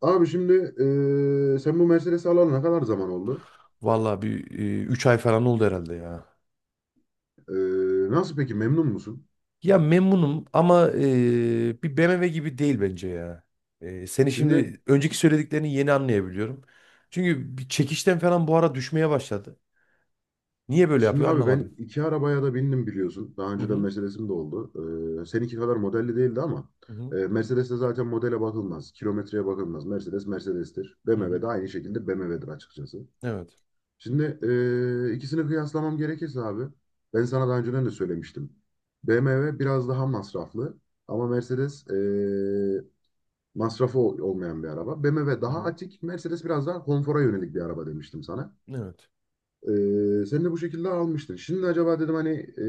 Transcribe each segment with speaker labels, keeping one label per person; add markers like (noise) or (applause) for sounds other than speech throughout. Speaker 1: Abi şimdi sen bu Mercedes'i alalı ne kadar zaman oldu?
Speaker 2: Vallahi bir 3 ay falan oldu herhalde ya.
Speaker 1: Nasıl peki memnun musun?
Speaker 2: Ya memnunum ama bir BMW gibi değil bence ya. Seni
Speaker 1: Şimdi
Speaker 2: şimdi önceki söylediklerini yeni anlayabiliyorum. Çünkü bir çekişten falan bu ara düşmeye başladı. Niye böyle
Speaker 1: şimdi
Speaker 2: yapıyor
Speaker 1: abi
Speaker 2: anlamadım.
Speaker 1: ben iki arabaya da bindim biliyorsun. Daha
Speaker 2: Hı
Speaker 1: önceden
Speaker 2: hı.
Speaker 1: Mercedes'im de oldu. Seninki kadar modelli değildi ama
Speaker 2: Hı hı.
Speaker 1: Mercedes'te zaten modele bakılmaz. Kilometreye bakılmaz. Mercedes Mercedes'tir.
Speaker 2: Hı hı.
Speaker 1: BMW de aynı şekilde BMW'dir açıkçası.
Speaker 2: Evet.
Speaker 1: Şimdi ikisini kıyaslamam gerekirse abi ben sana daha önceden de söylemiştim. BMW biraz daha masraflı ama Mercedes masrafı olmayan bir araba. BMW
Speaker 2: Hı
Speaker 1: daha
Speaker 2: hı.
Speaker 1: atik, Mercedes biraz daha konfora yönelik bir araba demiştim sana.
Speaker 2: Evet.
Speaker 1: Sen de bu şekilde almıştın. Şimdi acaba dedim hani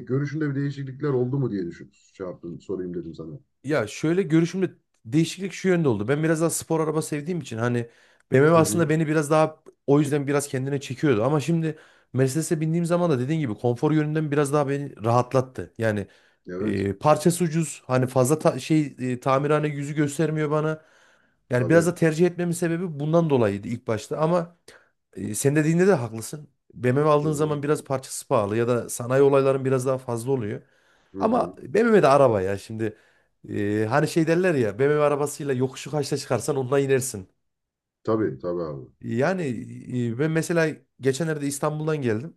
Speaker 1: görüşünde bir değişiklikler oldu mu diye düşün, şey yaptım, sorayım dedim sana.
Speaker 2: Ya şöyle görüşümde değişiklik şu yönde oldu. Ben biraz daha spor araba sevdiğim için hani BMW
Speaker 1: Hı
Speaker 2: aslında
Speaker 1: hı.
Speaker 2: beni biraz daha o yüzden biraz kendine çekiyordu. Ama şimdi Mercedes'e bindiğim zaman da dediğin gibi konfor yönünden biraz daha beni rahatlattı. Yani
Speaker 1: Evet,
Speaker 2: parçası ucuz, hani fazla tamirhane yüzü göstermiyor bana. Yani biraz da
Speaker 1: tabii.
Speaker 2: tercih etmemin sebebi bundan dolayıydı ilk başta, ama sen dediğinde de haklısın. BMW
Speaker 1: Hı
Speaker 2: aldığın
Speaker 1: hı.
Speaker 2: zaman biraz parçası pahalı ya da sanayi olayların biraz daha fazla oluyor.
Speaker 1: Hı
Speaker 2: Ama
Speaker 1: hı.
Speaker 2: BMW de araba ya şimdi. Hani şey derler ya, BMW arabasıyla yokuşu kaçta çıkarsan ondan inersin.
Speaker 1: Tabii, tabii abi.
Speaker 2: Yani ben mesela geçenlerde İstanbul'dan geldim.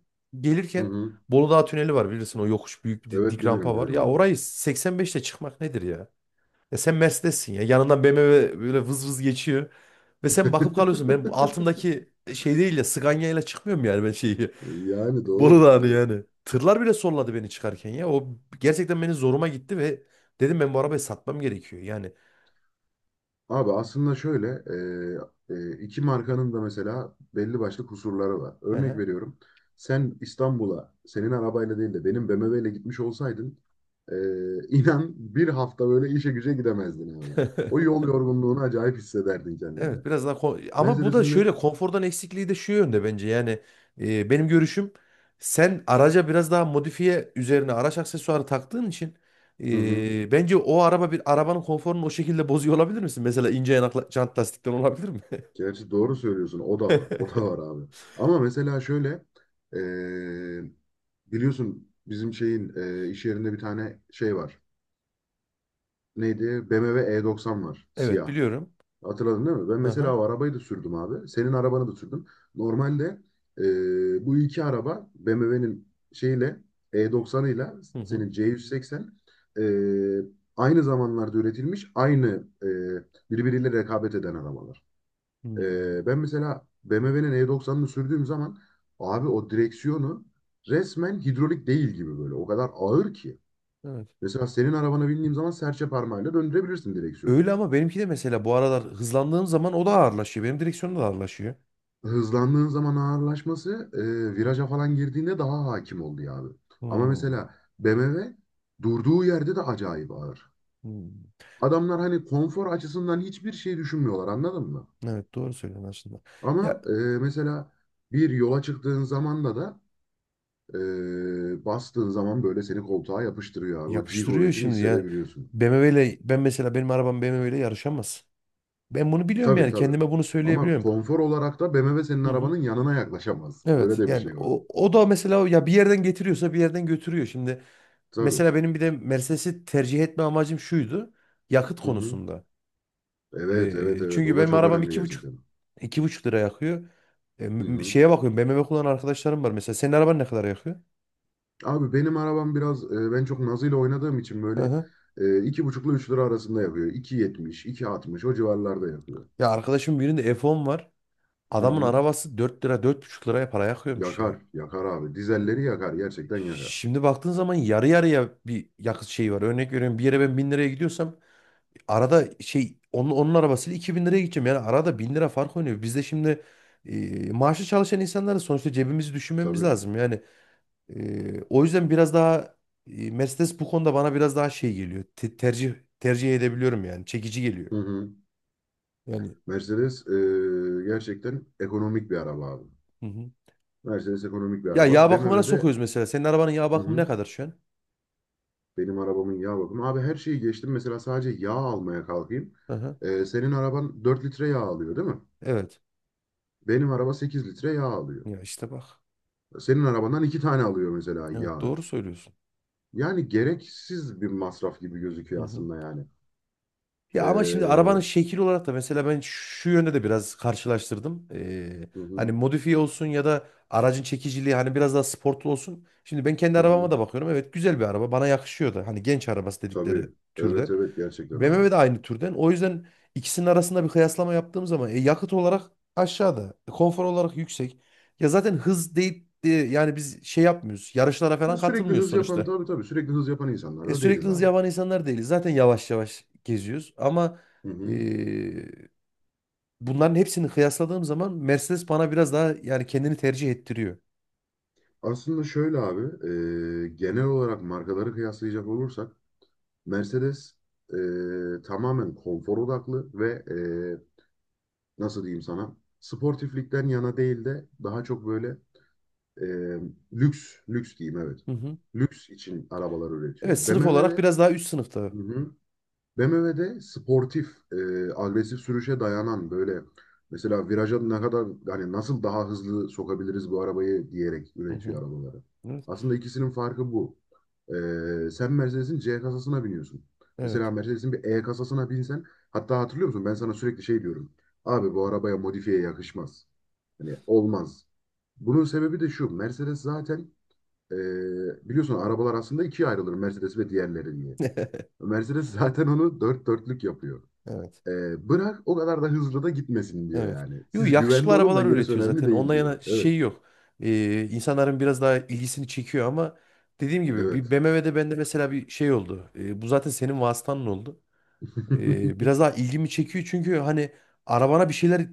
Speaker 1: Hı
Speaker 2: Gelirken
Speaker 1: hı.
Speaker 2: Bolu Dağı tüneli var bilirsin, o yokuş büyük bir
Speaker 1: Evet
Speaker 2: dik
Speaker 1: bilirim,
Speaker 2: rampa var.
Speaker 1: bilirim
Speaker 2: Ya
Speaker 1: abi.
Speaker 2: orayı 85'te çıkmak nedir ya? Ya sen Mercedes'sin, ya yanından BMW böyle vız vız geçiyor. Ve sen bakıp kalıyorsun. Ben bu
Speaker 1: (laughs)
Speaker 2: altındaki şey değil ya, Scania ile çıkmıyorum yani ben şeyi. (laughs)
Speaker 1: Yani
Speaker 2: Bolu
Speaker 1: doğru,
Speaker 2: Dağı'nı
Speaker 1: doğru.
Speaker 2: yani. Tırlar bile solladı beni çıkarken ya. O gerçekten beni zoruma gitti ve dedim, ben bu arabayı satmam gerekiyor. Yani
Speaker 1: Abi aslında şöyle iki markanın da mesela belli başlı kusurları var.
Speaker 2: Hı
Speaker 1: Örnek
Speaker 2: hı.
Speaker 1: veriyorum. Sen İstanbul'a senin arabayla değil de benim BMW ile gitmiş olsaydın, (laughs) inan bir hafta böyle işe güce gidemezdin abi. O
Speaker 2: (laughs)
Speaker 1: yol yorgunluğunu acayip hissederdin kendinde.
Speaker 2: Evet, biraz daha ama bu da
Speaker 1: Mercedes'in de
Speaker 2: şöyle, konfordan eksikliği de şu yönde bence. Yani benim görüşüm, sen araca biraz daha modifiye üzerine araç aksesuarı taktığın için
Speaker 1: hı hı,
Speaker 2: bence o araba, bir arabanın konforunu o şekilde bozuyor olabilir misin? Mesela ince yanakla jant lastikten olabilir mi? (laughs)
Speaker 1: gerçi doğru söylüyorsun, o da var. O da var abi. Ama mesela şöyle e, biliyorsun bizim şeyin iş yerinde bir tane şey var. Neydi? BMW E90 var.
Speaker 2: Evet
Speaker 1: Siyah.
Speaker 2: biliyorum.
Speaker 1: Hatırladın değil mi? Ben
Speaker 2: Aha.
Speaker 1: mesela o arabayı da sürdüm abi. Senin arabanı da sürdüm. Normalde bu iki araba BMW'nin şeyle E90'ıyla
Speaker 2: Hı hı.
Speaker 1: senin C180 e, aynı zamanlarda üretilmiş, aynı birbiriyle rekabet eden arabalar.
Speaker 2: Hmm.
Speaker 1: Ben mesela BMW'nin E90'ını sürdüğüm zaman abi o direksiyonu resmen hidrolik değil gibi böyle. O kadar ağır ki.
Speaker 2: Evet.
Speaker 1: Mesela senin arabana bindiğim zaman serçe parmağıyla döndürebilirsin direksiyonu.
Speaker 2: Öyle ama benimki de mesela bu aralar hızlandığım zaman o da ağırlaşıyor. Benim direksiyonum da ağırlaşıyor.
Speaker 1: Hızlandığın zaman ağırlaşması viraja falan girdiğinde daha hakim oluyor abi. Ama
Speaker 2: Hmm,
Speaker 1: mesela BMW durduğu yerde de acayip ağır.
Speaker 2: hmm.
Speaker 1: Adamlar hani konfor açısından hiçbir şey düşünmüyorlar, anladın mı?
Speaker 2: Evet doğru söylüyorsun aslında.
Speaker 1: Ama
Speaker 2: Ya
Speaker 1: mesela bir yola çıktığın zamanda da bastığın zaman böyle seni koltuğa yapıştırıyor abi. O G
Speaker 2: yapıştırıyor
Speaker 1: kuvvetini
Speaker 2: şimdi yani.
Speaker 1: hissedebiliyorsun.
Speaker 2: BMW ile ben, mesela benim arabam BMW ile yarışamaz. Ben bunu biliyorum,
Speaker 1: Tabii
Speaker 2: yani
Speaker 1: tabii.
Speaker 2: kendime bunu
Speaker 1: Ama
Speaker 2: söyleyebiliyorum.
Speaker 1: konfor olarak da BMW senin
Speaker 2: Hı hı.
Speaker 1: arabanın yanına yaklaşamaz. Öyle
Speaker 2: Evet
Speaker 1: de bir
Speaker 2: yani
Speaker 1: şey var.
Speaker 2: o da mesela ya bir yerden getiriyorsa bir yerden götürüyor. Şimdi
Speaker 1: Tabii.
Speaker 2: mesela benim bir de Mercedes'i tercih etme amacım şuydu. Yakıt
Speaker 1: Hı hı.
Speaker 2: konusunda.
Speaker 1: Evet evet evet.
Speaker 2: Çünkü
Speaker 1: O da
Speaker 2: benim
Speaker 1: çok
Speaker 2: arabam
Speaker 1: önemli gerçekten.
Speaker 2: iki buçuk lira yakıyor.
Speaker 1: Hı hı.
Speaker 2: Şeye bakıyorum, BMW kullanan arkadaşlarım var. Mesela senin araban ne kadar yakıyor?
Speaker 1: Abi benim arabam biraz ben çok nazıyla oynadığım için
Speaker 2: Hı
Speaker 1: böyle
Speaker 2: hı.
Speaker 1: iki buçukla üç lira arasında yapıyor. İki yetmiş, iki 2.60 o civarlarda yapıyor.
Speaker 2: Ya arkadaşımın birinde F10 var.
Speaker 1: Hı
Speaker 2: Adamın
Speaker 1: hı.
Speaker 2: arabası 4 lira, dört buçuk liraya para yakıyormuş ya.
Speaker 1: Yakar, yakar abi. Dizelleri yakar, gerçekten yakar.
Speaker 2: Şimdi baktığın zaman yarı yarıya bir yakıt şeyi var. Örnek veriyorum, bir yere ben 1000 liraya gidiyorsam, arada şey, onun arabasıyla 2000 liraya gideceğim. Yani arada 1000 lira fark oynuyor. Biz de şimdi maaşlı çalışan insanlarız. Sonuçta cebimizi düşünmemiz
Speaker 1: Tabii.
Speaker 2: lazım. Yani o yüzden biraz daha Mercedes bu konuda bana biraz daha şey geliyor. Tercih edebiliyorum yani. Çekici geliyor.
Speaker 1: Hı hı.
Speaker 2: Yani
Speaker 1: Mercedes gerçekten ekonomik bir araba abi.
Speaker 2: hı hı.
Speaker 1: Mercedes ekonomik bir
Speaker 2: Ya yağ
Speaker 1: araba.
Speaker 2: bakımına
Speaker 1: BMW'de
Speaker 2: sokuyoruz mesela. Senin arabanın yağ
Speaker 1: hı
Speaker 2: bakımı ne
Speaker 1: hı,
Speaker 2: kadar şu an?
Speaker 1: benim arabamın yağ bakımı. Abi her şeyi geçtim. Mesela sadece yağ almaya kalkayım.
Speaker 2: Aha,
Speaker 1: Senin araban 4 litre yağ alıyor değil mi?
Speaker 2: evet.
Speaker 1: Benim araba 8 litre yağ alıyor.
Speaker 2: Ya işte bak.
Speaker 1: Senin arabandan iki tane alıyor mesela
Speaker 2: Evet
Speaker 1: yağı.
Speaker 2: doğru söylüyorsun.
Speaker 1: Yani gereksiz bir masraf gibi
Speaker 2: Hı
Speaker 1: gözüküyor
Speaker 2: hı.
Speaker 1: aslında yani.
Speaker 2: Ya ama şimdi
Speaker 1: Ee,
Speaker 2: arabanın şekil olarak da mesela ben şu yönde de biraz karşılaştırdım.
Speaker 1: hı hı,
Speaker 2: Hani modifiye olsun ya da aracın çekiciliği hani biraz daha sportlu olsun. Şimdi ben kendi
Speaker 1: hı
Speaker 2: arabama
Speaker 1: hı.
Speaker 2: da bakıyorum. Evet, güzel bir araba. Bana yakışıyor da. Hani genç arabası
Speaker 1: Tabii.
Speaker 2: dedikleri
Speaker 1: Evet
Speaker 2: türden.
Speaker 1: evet gerçekten abi.
Speaker 2: BMW de aynı türden. O yüzden ikisinin arasında bir kıyaslama yaptığım zaman yakıt olarak aşağıda, konfor olarak yüksek. Ya zaten hız değil de yani biz şey yapmıyoruz. Yarışlara
Speaker 1: Ya
Speaker 2: falan
Speaker 1: sürekli
Speaker 2: katılmıyoruz
Speaker 1: hız yapan
Speaker 2: sonuçta.
Speaker 1: tabii tabii sürekli hız yapan insanlar da
Speaker 2: Sürekli
Speaker 1: değiliz
Speaker 2: hız
Speaker 1: abi.
Speaker 2: yapan insanlar değiliz. Zaten yavaş yavaş geziyoruz. Ama
Speaker 1: Hı hı.
Speaker 2: e, bunların hepsini kıyasladığım zaman Mercedes bana biraz daha, yani kendini tercih ettiriyor.
Speaker 1: Aslında şöyle abi genel olarak markaları kıyaslayacak olursak Mercedes tamamen konfor odaklı ve nasıl diyeyim sana sportiflikten yana değil de daha çok böyle E, lüks, lüks diyeyim, evet.
Speaker 2: Hı hı.
Speaker 1: Lüks için arabalar
Speaker 2: Evet,
Speaker 1: üretiyor.
Speaker 2: sınıf
Speaker 1: BMW
Speaker 2: olarak
Speaker 1: de
Speaker 2: biraz daha üst sınıfta.
Speaker 1: hı hı. BMW de sportif, e, agresif sürüşe dayanan böyle mesela viraja ne kadar hani nasıl daha hızlı sokabiliriz bu arabayı diyerek
Speaker 2: Hı
Speaker 1: üretiyor
Speaker 2: hı.
Speaker 1: arabaları.
Speaker 2: Evet.
Speaker 1: Aslında ikisinin farkı bu. E, Sen Mercedes'in C kasasına biniyorsun.
Speaker 2: Evet.
Speaker 1: Mesela Mercedes'in bir E kasasına binsen hatta hatırlıyor musun? Ben sana sürekli şey diyorum. Abi bu arabaya modifiye yakışmaz. Hani olmaz. Bunun sebebi de şu. Mercedes zaten biliyorsun arabalar aslında ikiye ayrılır Mercedes ve diğerleri diye.
Speaker 2: (laughs)
Speaker 1: Mercedes zaten onu dört dörtlük yapıyor.
Speaker 2: Evet.
Speaker 1: Bırak o kadar da hızlı da gitmesin diyor
Speaker 2: Evet.
Speaker 1: yani.
Speaker 2: Yo,
Speaker 1: Siz
Speaker 2: yakışıklı
Speaker 1: güvende olun da
Speaker 2: arabalar
Speaker 1: gerisi
Speaker 2: üretiyor
Speaker 1: önemli
Speaker 2: zaten.
Speaker 1: değil
Speaker 2: Ondan
Speaker 1: diyor.
Speaker 2: yana
Speaker 1: Evet.
Speaker 2: şey yok. İnsanların biraz daha ilgisini çekiyor ama dediğim gibi, bir
Speaker 1: Evet.
Speaker 2: BMW'de bende mesela bir şey oldu. Bu zaten senin vasıtanın oldu.
Speaker 1: (laughs)
Speaker 2: Biraz daha ilgimi çekiyor çünkü hani arabana bir şeyler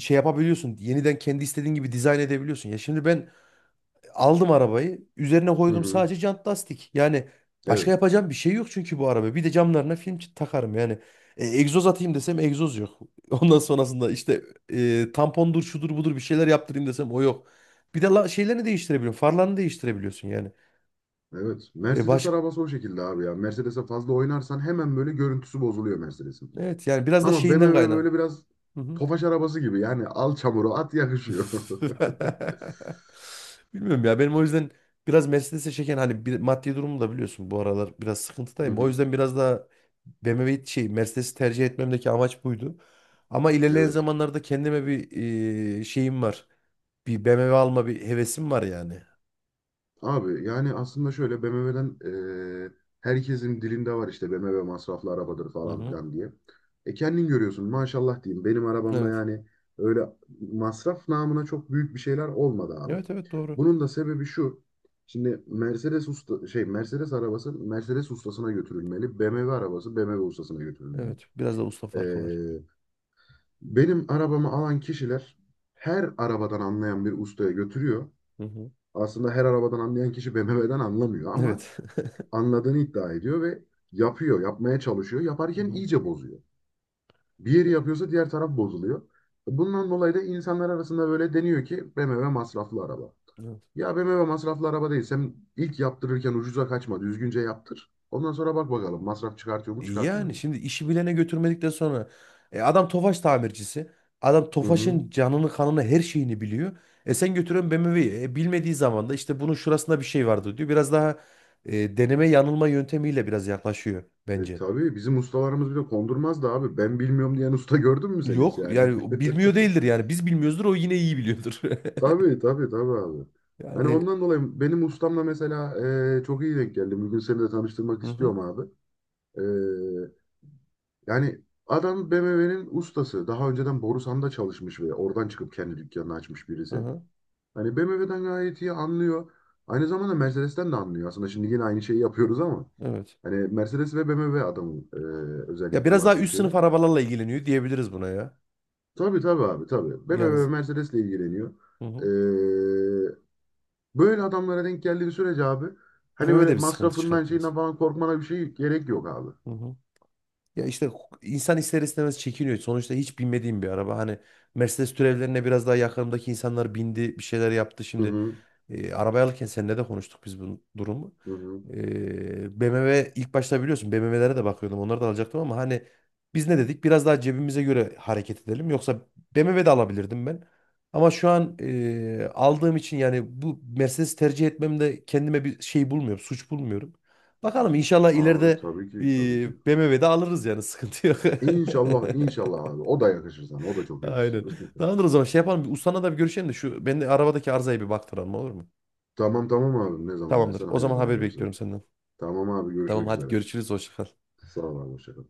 Speaker 2: şey yapabiliyorsun. Yeniden kendi istediğin gibi dizayn edebiliyorsun. Ya şimdi ben aldım arabayı, üzerine
Speaker 1: Hı
Speaker 2: koydum
Speaker 1: hı.
Speaker 2: sadece jant lastik. Yani başka
Speaker 1: Evet.
Speaker 2: yapacağım bir şey yok, çünkü bu araba. Bir de camlarına film takarım yani. Egzoz atayım desem egzoz yok. (laughs) Ondan sonrasında işte tampondur şudur budur, bir şeyler yaptırayım desem o yok. Bir de şeylerini değiştirebiliyorsun. Farlarını değiştirebiliyorsun yani.
Speaker 1: Evet.
Speaker 2: E,
Speaker 1: Mercedes
Speaker 2: baş...
Speaker 1: arabası o şekilde abi ya. Mercedes'e fazla oynarsan hemen böyle görüntüsü bozuluyor Mercedes'in.
Speaker 2: Evet yani biraz da
Speaker 1: Ama
Speaker 2: şeyinden
Speaker 1: BMW
Speaker 2: kaynak.
Speaker 1: böyle biraz tofaş arabası gibi. Yani al çamuru at, yakışıyor. (laughs)
Speaker 2: (laughs) Bilmiyorum ya, benim o yüzden biraz Mercedes'e çeken hani bir, maddi durumumu da biliyorsun, bu aralar biraz
Speaker 1: Hı
Speaker 2: sıkıntıdayım. O
Speaker 1: hı.
Speaker 2: yüzden biraz daha BMW Mercedes'i tercih etmemdeki amaç buydu. Ama ilerleyen
Speaker 1: Evet.
Speaker 2: zamanlarda kendime bir şeyim var. Bir BMW alma bir hevesim var yani.
Speaker 1: Abi yani aslında şöyle BMW'den e, herkesin dilinde var işte BMW masraflı arabadır
Speaker 2: Hı
Speaker 1: falan
Speaker 2: hı.
Speaker 1: filan diye. E kendin görüyorsun, maşallah diyeyim benim arabamda
Speaker 2: Evet.
Speaker 1: yani öyle masraf namına çok büyük bir şeyler olmadı abi.
Speaker 2: Evet evet, doğru.
Speaker 1: Bunun da sebebi şu. Şimdi Mercedes usta şey Mercedes arabası Mercedes ustasına götürülmeli. BMW arabası BMW ustasına götürülmeli.
Speaker 2: Evet. Biraz da usta
Speaker 1: E,
Speaker 2: farkı var.
Speaker 1: Benim arabamı alan kişiler her arabadan anlayan bir ustaya götürüyor.
Speaker 2: Hı hı.
Speaker 1: Aslında her arabadan anlayan kişi BMW'den anlamıyor ama
Speaker 2: Evet. (laughs)
Speaker 1: anladığını iddia ediyor ve yapıyor, yapmaya çalışıyor.
Speaker 2: Hı
Speaker 1: Yaparken
Speaker 2: hı.
Speaker 1: iyice bozuyor. Bir yeri yapıyorsa diğer taraf bozuluyor. Bundan dolayı da insanlar arasında böyle deniyor ki BMW masraflı araba.
Speaker 2: Evet.
Speaker 1: Ya BMW masraflı araba değil. Sen ilk yaptırırken ucuza kaçma, düzgünce yaptır. Ondan sonra bak bakalım masraf çıkartıyor mu, çıkartmıyor
Speaker 2: Yani
Speaker 1: mu?
Speaker 2: şimdi işi bilene götürmedikten sonra adam Tofaş tamircisi. Adam
Speaker 1: Hı hı.
Speaker 2: Tofaş'ın canını kanını her şeyini biliyor. Sen götürün BMW'yi. Bilmediği zaman da işte bunun şurasında bir şey vardı diyor. Biraz daha deneme yanılma yöntemiyle biraz yaklaşıyor
Speaker 1: E,
Speaker 2: bence.
Speaker 1: tabii bizim ustalarımız bile kondurmaz da abi. Ben bilmiyorum diyen usta gördün mü sen hiç
Speaker 2: Yok,
Speaker 1: yani?
Speaker 2: yani o
Speaker 1: (laughs)
Speaker 2: bilmiyor değildir yani. Biz bilmiyoruzdur, o yine iyi biliyordur. (laughs)
Speaker 1: Tabii tabii tabii abi. Hani
Speaker 2: Yani
Speaker 1: ondan dolayı benim ustamla mesela çok iyi denk geldi. Bugün seni de tanıştırmak
Speaker 2: hı hı,
Speaker 1: istiyorum abi. E, Yani adam BMW'nin ustası. Daha önceden Borusan'da çalışmış ve oradan çıkıp kendi dükkanını açmış
Speaker 2: hı
Speaker 1: birisi.
Speaker 2: hı,
Speaker 1: Hani BMW'den gayet iyi anlıyor. Aynı zamanda Mercedes'ten de anlıyor. Aslında şimdi yine aynı şeyi yapıyoruz ama.
Speaker 2: evet.
Speaker 1: Hani Mercedes ve BMW adamın
Speaker 2: Ya
Speaker 1: özellikle
Speaker 2: biraz daha
Speaker 1: baktığı
Speaker 2: üst
Speaker 1: şeyler.
Speaker 2: sınıf arabalarla ilgileniyor diyebiliriz buna ya.
Speaker 1: Tabii tabii abi tabii.
Speaker 2: Yani
Speaker 1: BMW ve Mercedes'le ilgileniyor.
Speaker 2: hı hı.
Speaker 1: Böyle adamlara denk geldiği sürece abi hani
Speaker 2: BMW
Speaker 1: böyle
Speaker 2: de bir sıkıntı
Speaker 1: masrafından
Speaker 2: çıkartmaz.
Speaker 1: şeyinden falan korkmana bir şey gerek yok abi.
Speaker 2: Hı hı. Ya işte insan ister istemez çekiniyor. Sonuçta hiç binmediğim bir araba. Hani Mercedes türevlerine biraz daha yakınımdaki insanlar bindi, bir şeyler yaptı.
Speaker 1: Hı
Speaker 2: Şimdi
Speaker 1: hı,
Speaker 2: arabayı alırken seninle de konuştuk biz bu durumu.
Speaker 1: hı hı.
Speaker 2: BMW ilk başta, biliyorsun BMW'lere de bakıyordum. Onları da alacaktım ama hani biz ne dedik? Biraz daha cebimize göre hareket edelim. Yoksa BMW de alabilirdim ben. Ama şu an aldığım için yani, bu Mercedes tercih etmemde kendime bir şey bulmuyorum, suç bulmuyorum. Bakalım, inşallah
Speaker 1: Abi
Speaker 2: ileride
Speaker 1: tabii ki tabii
Speaker 2: bir
Speaker 1: ki.
Speaker 2: BMW'de alırız yani, sıkıntı yok. (laughs)
Speaker 1: İnşallah inşallah abi. O da yakışır sana. O da çok yakışır.
Speaker 2: Aynen. Tamamdır, o zaman şey yapalım. Bir ustana da bir görüşelim de şu ben de arabadaki arızaya bir baktıralım, olur mu?
Speaker 1: (laughs) Tamam tamam abi. Ne zaman
Speaker 2: Tamamdır.
Speaker 1: dersen
Speaker 2: O zaman
Speaker 1: halledelim
Speaker 2: haber
Speaker 1: o işleri.
Speaker 2: bekliyorum senden.
Speaker 1: Tamam abi
Speaker 2: Tamam,
Speaker 1: görüşmek
Speaker 2: hadi
Speaker 1: üzere.
Speaker 2: görüşürüz. Hoşça kal.
Speaker 1: Sağ ol abi. Hoşça kal.